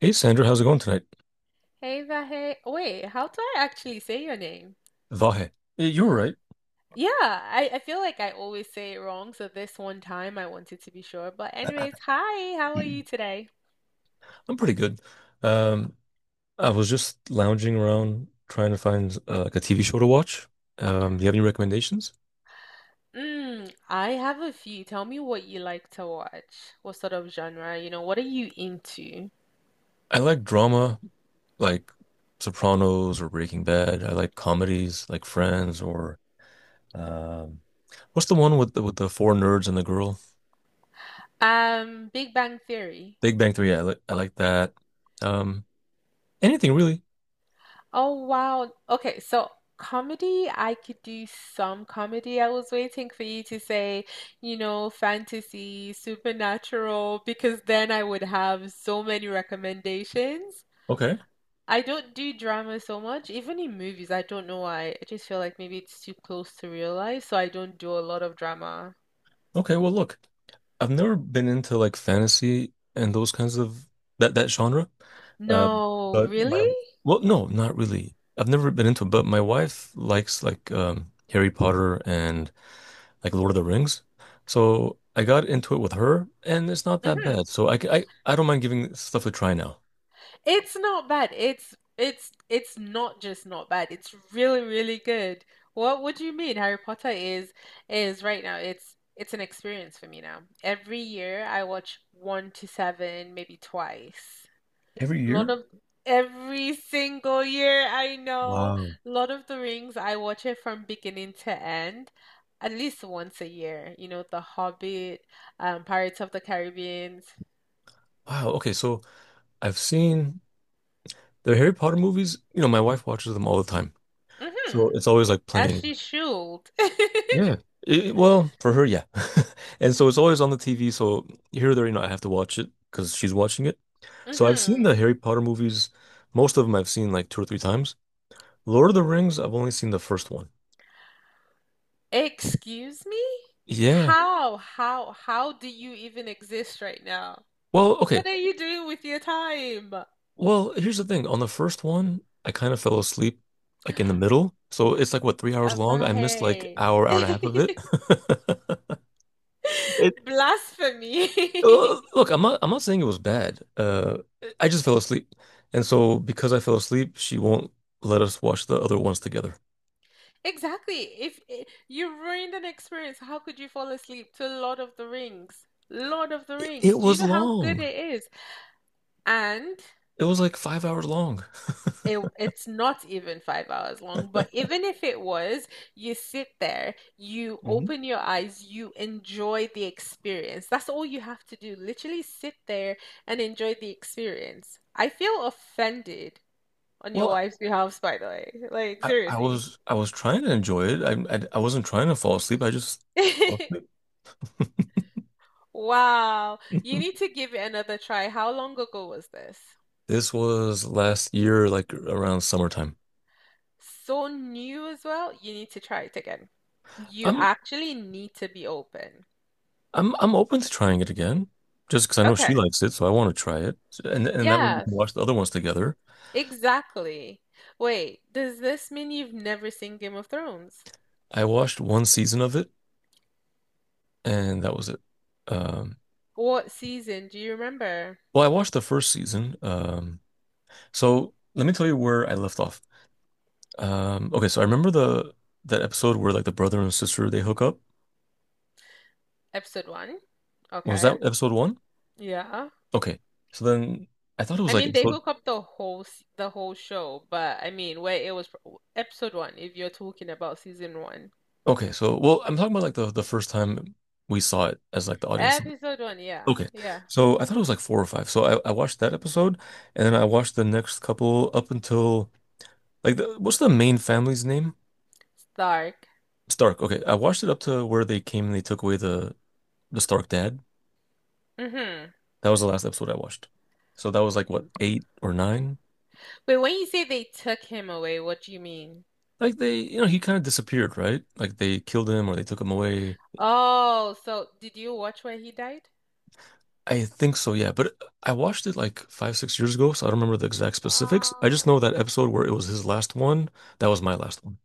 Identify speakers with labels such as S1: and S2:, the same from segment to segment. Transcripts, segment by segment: S1: Hey Sandra, how's it going tonight?
S2: Hey, Vahe. Wait, how do I actually say your name?
S1: Vahe. Eh, you were right.
S2: Yeah, I feel like I always say it wrong, so this one time I wanted to be sure. But anyways, hi, how are you today?
S1: I'm pretty good. Um, I was just lounging around trying to find like a TV show to watch. Do you have any recommendations?
S2: Mm, I have a few. Tell me what you like to watch. What sort of genre? What are you into?
S1: I like drama, like Sopranos or Breaking Bad. I like comedies, like Friends or um, what's the one with the four nerds and the girl?
S2: Big Bang Theory.
S1: Big Bang Theory. I like that. Um, anything really?
S2: Oh wow. Okay, so comedy, I could do some comedy. I was waiting for you to say, fantasy, supernatural, because then I would have so many recommendations.
S1: Okay.
S2: I don't do drama so much, even in movies. I don't know why. I just feel like maybe it's too close to real life, so I don't do a lot of drama.
S1: Okay. Well, look. I've never been into like fantasy and those kinds of that genre. Uh,
S2: No,
S1: but
S2: really?
S1: my well, no, not really. I've never been into it, but my wife likes like Harry Potter and like Lord of the Rings, so I got into it with her, and it's not that
S2: Mhm.
S1: bad. So I don't mind giving stuff a try now.
S2: It's not bad. It's not just not bad. It's really, really good. What do you mean? Harry Potter is right now. It's an experience for me now. Every year I watch one to seven, maybe twice.
S1: Every
S2: Lord
S1: year?
S2: of every single year, I know.
S1: Wow.
S2: Lord of the Rings, I watch it from beginning to end. At least once a year, The Hobbit, Pirates of the Caribbean.
S1: Wow. Okay, so I've seen the Harry Potter movies. You know, my wife watches them all the time,
S2: Mm-hmm.
S1: so it's always like
S2: As
S1: playing.
S2: she should.
S1: Yeah. It- well, for her, yeah. And so it's always on the TV. So here or there, you know, I have to watch it because she's watching it. So I've seen
S2: Mm-hmm.
S1: the Harry Potter movies. Most of them I've seen like 2 or 3 times. Lord of the Rings, I've only seen the first one.
S2: Excuse me?
S1: Yeah.
S2: How do you even exist right now?
S1: Well, okay.
S2: What are you doing with your time?
S1: Well, here's the thing. On the first one, I kind of fell asleep like in the middle. So it's like what, 3 hours long? I missed like
S2: Avahe.
S1: hour, hour and a half of it. It
S2: Blasphemy.
S1: Look, I'm not saying it was bad. I just fell asleep. And so because I fell asleep, she won't let us watch the other ones together.
S2: Exactly. If I- you ruined an experience, how could you fall asleep to Lord of the Rings? Lord of the
S1: It
S2: Rings. Do you
S1: was
S2: know how good
S1: long.
S2: it is? And
S1: It was like 5 hours long.
S2: it's not even 5 hours long, but even if it was, you sit there, you
S1: Mhm.
S2: open your eyes, you enjoy the experience. That's all you have to do. Literally sit there and enjoy the experience. I feel offended on your
S1: Well,
S2: wife's behalf, by the way. Like,
S1: I, I
S2: seriously.
S1: was I was trying to enjoy it. I wasn't trying to fall asleep. I just fell asleep.
S2: Wow. You need to give it another try. How long ago was this?
S1: This was last year, like around summertime.
S2: So new as well. You need to try it again. You
S1: I'm
S2: actually need to be open.
S1: I'm open to trying it again, just because I know she
S2: Okay.
S1: likes it, so I want to try it, and that way we
S2: Yes.
S1: can watch the other ones together.
S2: Exactly. Wait, does this mean you've never seen Game of Thrones?
S1: I watched one season of it. And that was it. Um,
S2: What season do you remember?
S1: well, I watched the first season. So let me tell you where I left off. Okay, so I remember the that episode where like the brother and sister they hook up.
S2: Episode one?
S1: Was
S2: Okay.
S1: that episode one?
S2: Yeah.
S1: Okay, so then I thought it was
S2: I
S1: like
S2: mean, they
S1: episode.
S2: hook up the the whole show, but I mean, where it was episode one, if you're talking about season one.
S1: Okay, so well, I'm talking about like the first time we saw it as like the audience.
S2: Episode one, yeah.
S1: Okay,
S2: Yeah.
S1: so I thought it was like four or five. So I watched that episode, and then I watched the next couple up until like the, what's the main family's name?
S2: Stark.
S1: Stark. Okay, I watched it up to where they came and they took away the Stark Dad.
S2: Mm-hmm.
S1: That was the last episode I watched. So that was like what, eight or nine?
S2: Wait, when you say they took him away, what do you mean?
S1: Like they, you know, he kind of disappeared, right? Like they killed him or they took him away.
S2: Oh, so did you watch where he died?
S1: I think so, yeah. But I watched it like 5, 6 years ago, so I don't remember the exact specifics. I just
S2: Wow.
S1: know that episode where it was his last one. That was my last one.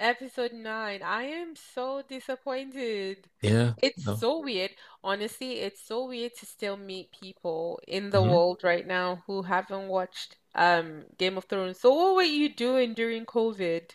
S2: Episode 9. I am so disappointed.
S1: Yeah.
S2: It's
S1: No.
S2: so weird. Honestly, it's so weird to still meet people in the
S1: Hmm.
S2: world right now who haven't watched Game of Thrones. So what were you doing during COVID?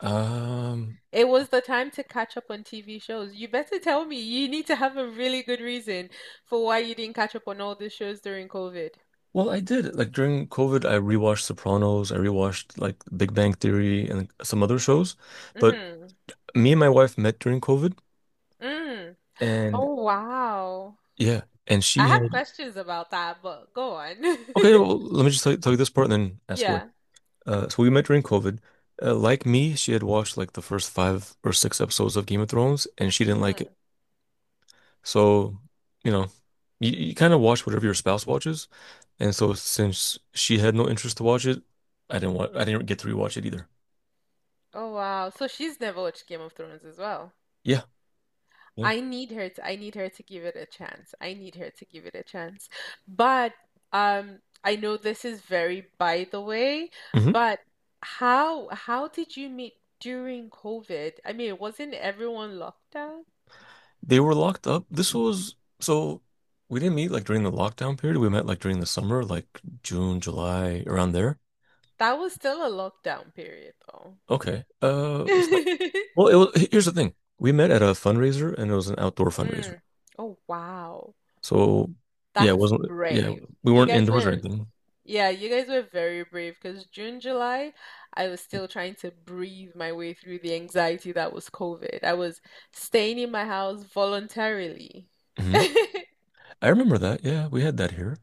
S1: Um,
S2: It was the time to catch up on TV shows. You better tell me. You need to have a really good reason for why you didn't catch up on all the shows during COVID.
S1: well, I did. Like during COVID, I rewatched Sopranos, I rewatched like Big Bang Theory and some other shows. But
S2: Hmm.
S1: me and my wife met during COVID
S2: Mm.
S1: and
S2: Oh, wow.
S1: yeah, and she
S2: I have
S1: had
S2: questions about that, but go on.
S1: okay, well, let me just tell you this part and then ask away.
S2: Yeah.
S1: So we met during COVID. Like me, she had watched like the first 5 or 6 episodes of Game of Thrones, and she didn't like
S2: Mm-hmm.
S1: it. So, you know, you kind of watch whatever your spouse watches, and so since she had no interest to watch it, I didn't get to rewatch it either.
S2: Oh wow. So she's never watched Game of Thrones as well.
S1: Yeah, yeah.
S2: I need her to give it a chance. I need her to give it a chance. But I know this is very, by the way,
S1: Hmm.
S2: but how did you meet during COVID? I mean, wasn't everyone locked down?
S1: They were locked up. This was so we didn't meet like during the lockdown period. We met like during the summer, like June, July, around there.
S2: That was still a lockdown period though.
S1: Okay. Well, it was, here's the thing. We met at a fundraiser and it was an outdoor fundraiser.
S2: Mm. Oh wow.
S1: So, yeah, it
S2: That's
S1: wasn't, yeah,
S2: brave.
S1: we
S2: You
S1: weren't
S2: guys
S1: indoors or
S2: were
S1: anything.
S2: Yeah, you guys were very brave because June, July, I was still trying to breathe my way through the anxiety that was COVID. I was staying in my house voluntarily.
S1: Hmm. I remember that. Yeah, we had that here.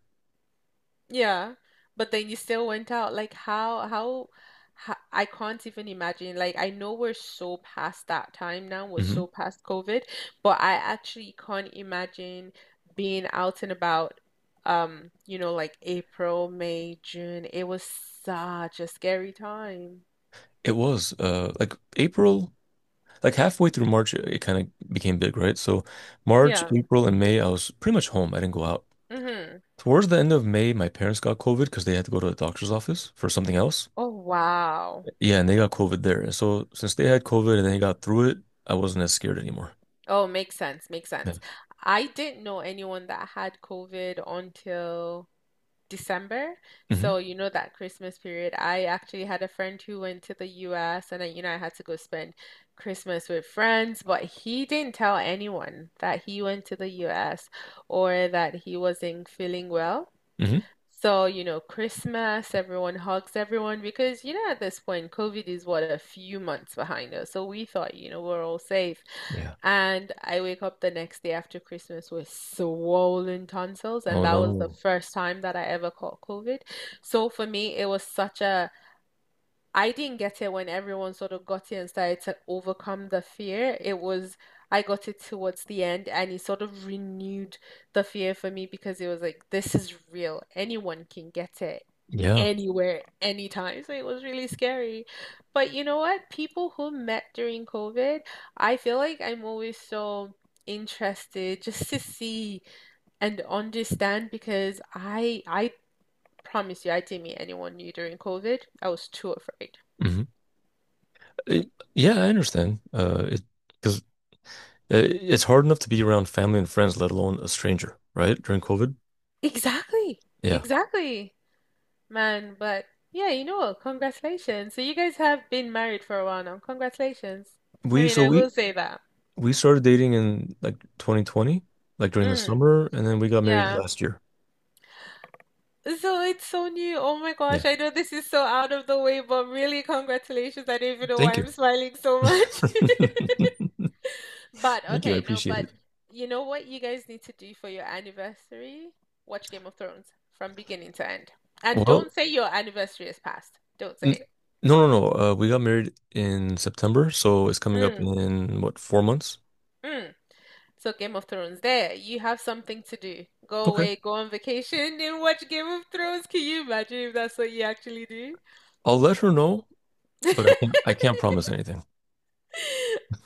S2: Yeah, but then you still went out. Like how I can't even imagine. Like I know we're so past that time now. We're
S1: Hmm.
S2: so past COVID, but I actually can't imagine being out and about. Like April, May, June. It was such a scary time.
S1: It was like April, like halfway through March, it kind of became big, right? So, March,
S2: Yeah.
S1: April, and May, I was pretty much home. I didn't go out.
S2: Mm-hmm.
S1: Towards the end of May, my parents got COVID because they had to go to the doctor's office for something else.
S2: Oh wow.
S1: Yeah, and they got COVID there. And so, since they had COVID and they got through it, I wasn't as scared anymore.
S2: Oh, makes sense. Makes
S1: Yeah.
S2: sense. I didn't know anyone that had COVID until December.
S1: Hmm.
S2: So, that Christmas period, I actually had a friend who went to the US and then, I had to go spend Christmas with friends, but he didn't tell anyone that he went to the US or that he wasn't feeling well. So, Christmas, everyone hugs everyone because, at this point, COVID is what a few months behind us. So we thought, we're all safe.
S1: Hmm.
S2: And I wake up the next day after Christmas with swollen tonsils, and
S1: Oh
S2: that was the
S1: no.
S2: first time that I ever caught COVID. So for me, it was such a I didn't get it when everyone sort of got it and started to overcome the fear. I got it towards the end and it sort of renewed the fear for me because it was like, this is real. Anyone can get it
S1: Yeah.
S2: anywhere, anytime. So it was really scary. But you know what? People who met during COVID, I feel like I'm always so interested just to see and understand because I promise you I didn't meet anyone new during COVID. I was too afraid.
S1: Hmm. Yeah, I understand. It because it's hard enough to be around family and friends, let alone a stranger, right? During COVID.
S2: Exactly.
S1: Yeah.
S2: Exactly, man. But yeah, you know what? Congratulations. So you guys have been married for a while now. Congratulations. I
S1: We
S2: mean,
S1: so
S2: I will say that.
S1: we started dating in like 2020, like during the
S2: Mm,
S1: summer, and then we got married
S2: yeah.
S1: last year.
S2: So it's so new. Oh my
S1: Yeah.
S2: gosh, I know this is so out of the way, but really, congratulations. I don't even know
S1: Thank
S2: why
S1: you.
S2: I'm smiling so much.
S1: Thank
S2: But
S1: you. I
S2: okay, no,
S1: appreciate
S2: but
S1: it.
S2: you know what you guys need to do for your anniversary? Watch Game of Thrones from beginning to end. And
S1: Well,
S2: don't say your anniversary is past. Don't
S1: n
S2: say
S1: No, no, no. We got married in September, so it's coming up
S2: it. Mm,
S1: in what, 4 months?
S2: mm. So Game of Thrones, there, you have something to do. Go
S1: Okay.
S2: away, go on vacation, and watch Game of Thrones. Can you imagine if that's what you actually do?
S1: I'll let her know, but I can't I can't promise anything.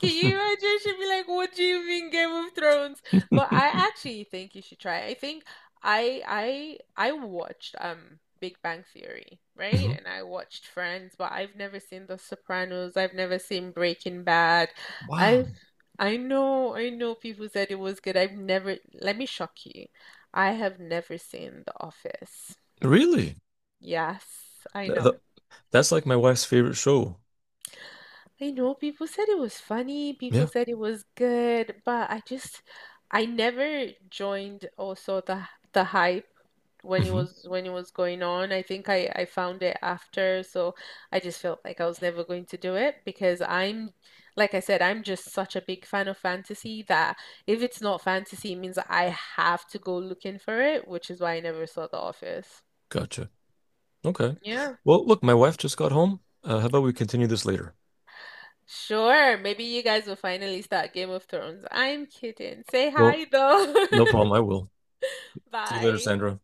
S2: Can you imagine? She'd be like, "What do you mean Game of Thrones?" But I actually think you should try it. I think I I I watched Big Bang Theory, right?
S1: Mhm.
S2: And I watched Friends, but I've never seen The Sopranos. I've never seen Breaking Bad.
S1: Wow,
S2: I've I know people said it was good. I've never, let me shock you. I have never seen The Office.
S1: really?
S2: Yes, I
S1: Th-
S2: know.
S1: th- that's like my wife's favorite show.
S2: I know people said it was funny, people
S1: Yeah.
S2: said it was good, but I never joined also the hype when it
S1: Hmm.
S2: was when it was going on. I think I found it after, so I just felt like I was never going to do it because I'm like I said, I'm just such a big fan of fantasy that if it's not fantasy, it means I have to go looking for it, which is why I never saw The Office.
S1: Gotcha. Okay.
S2: Yeah.
S1: Well, look, my wife just got home. How about we continue this later?
S2: Sure, maybe you guys will finally start Game of Thrones. I'm kidding. Say
S1: Well,
S2: hi though.
S1: no problem. I will. See you later,
S2: Bye.
S1: Sandra.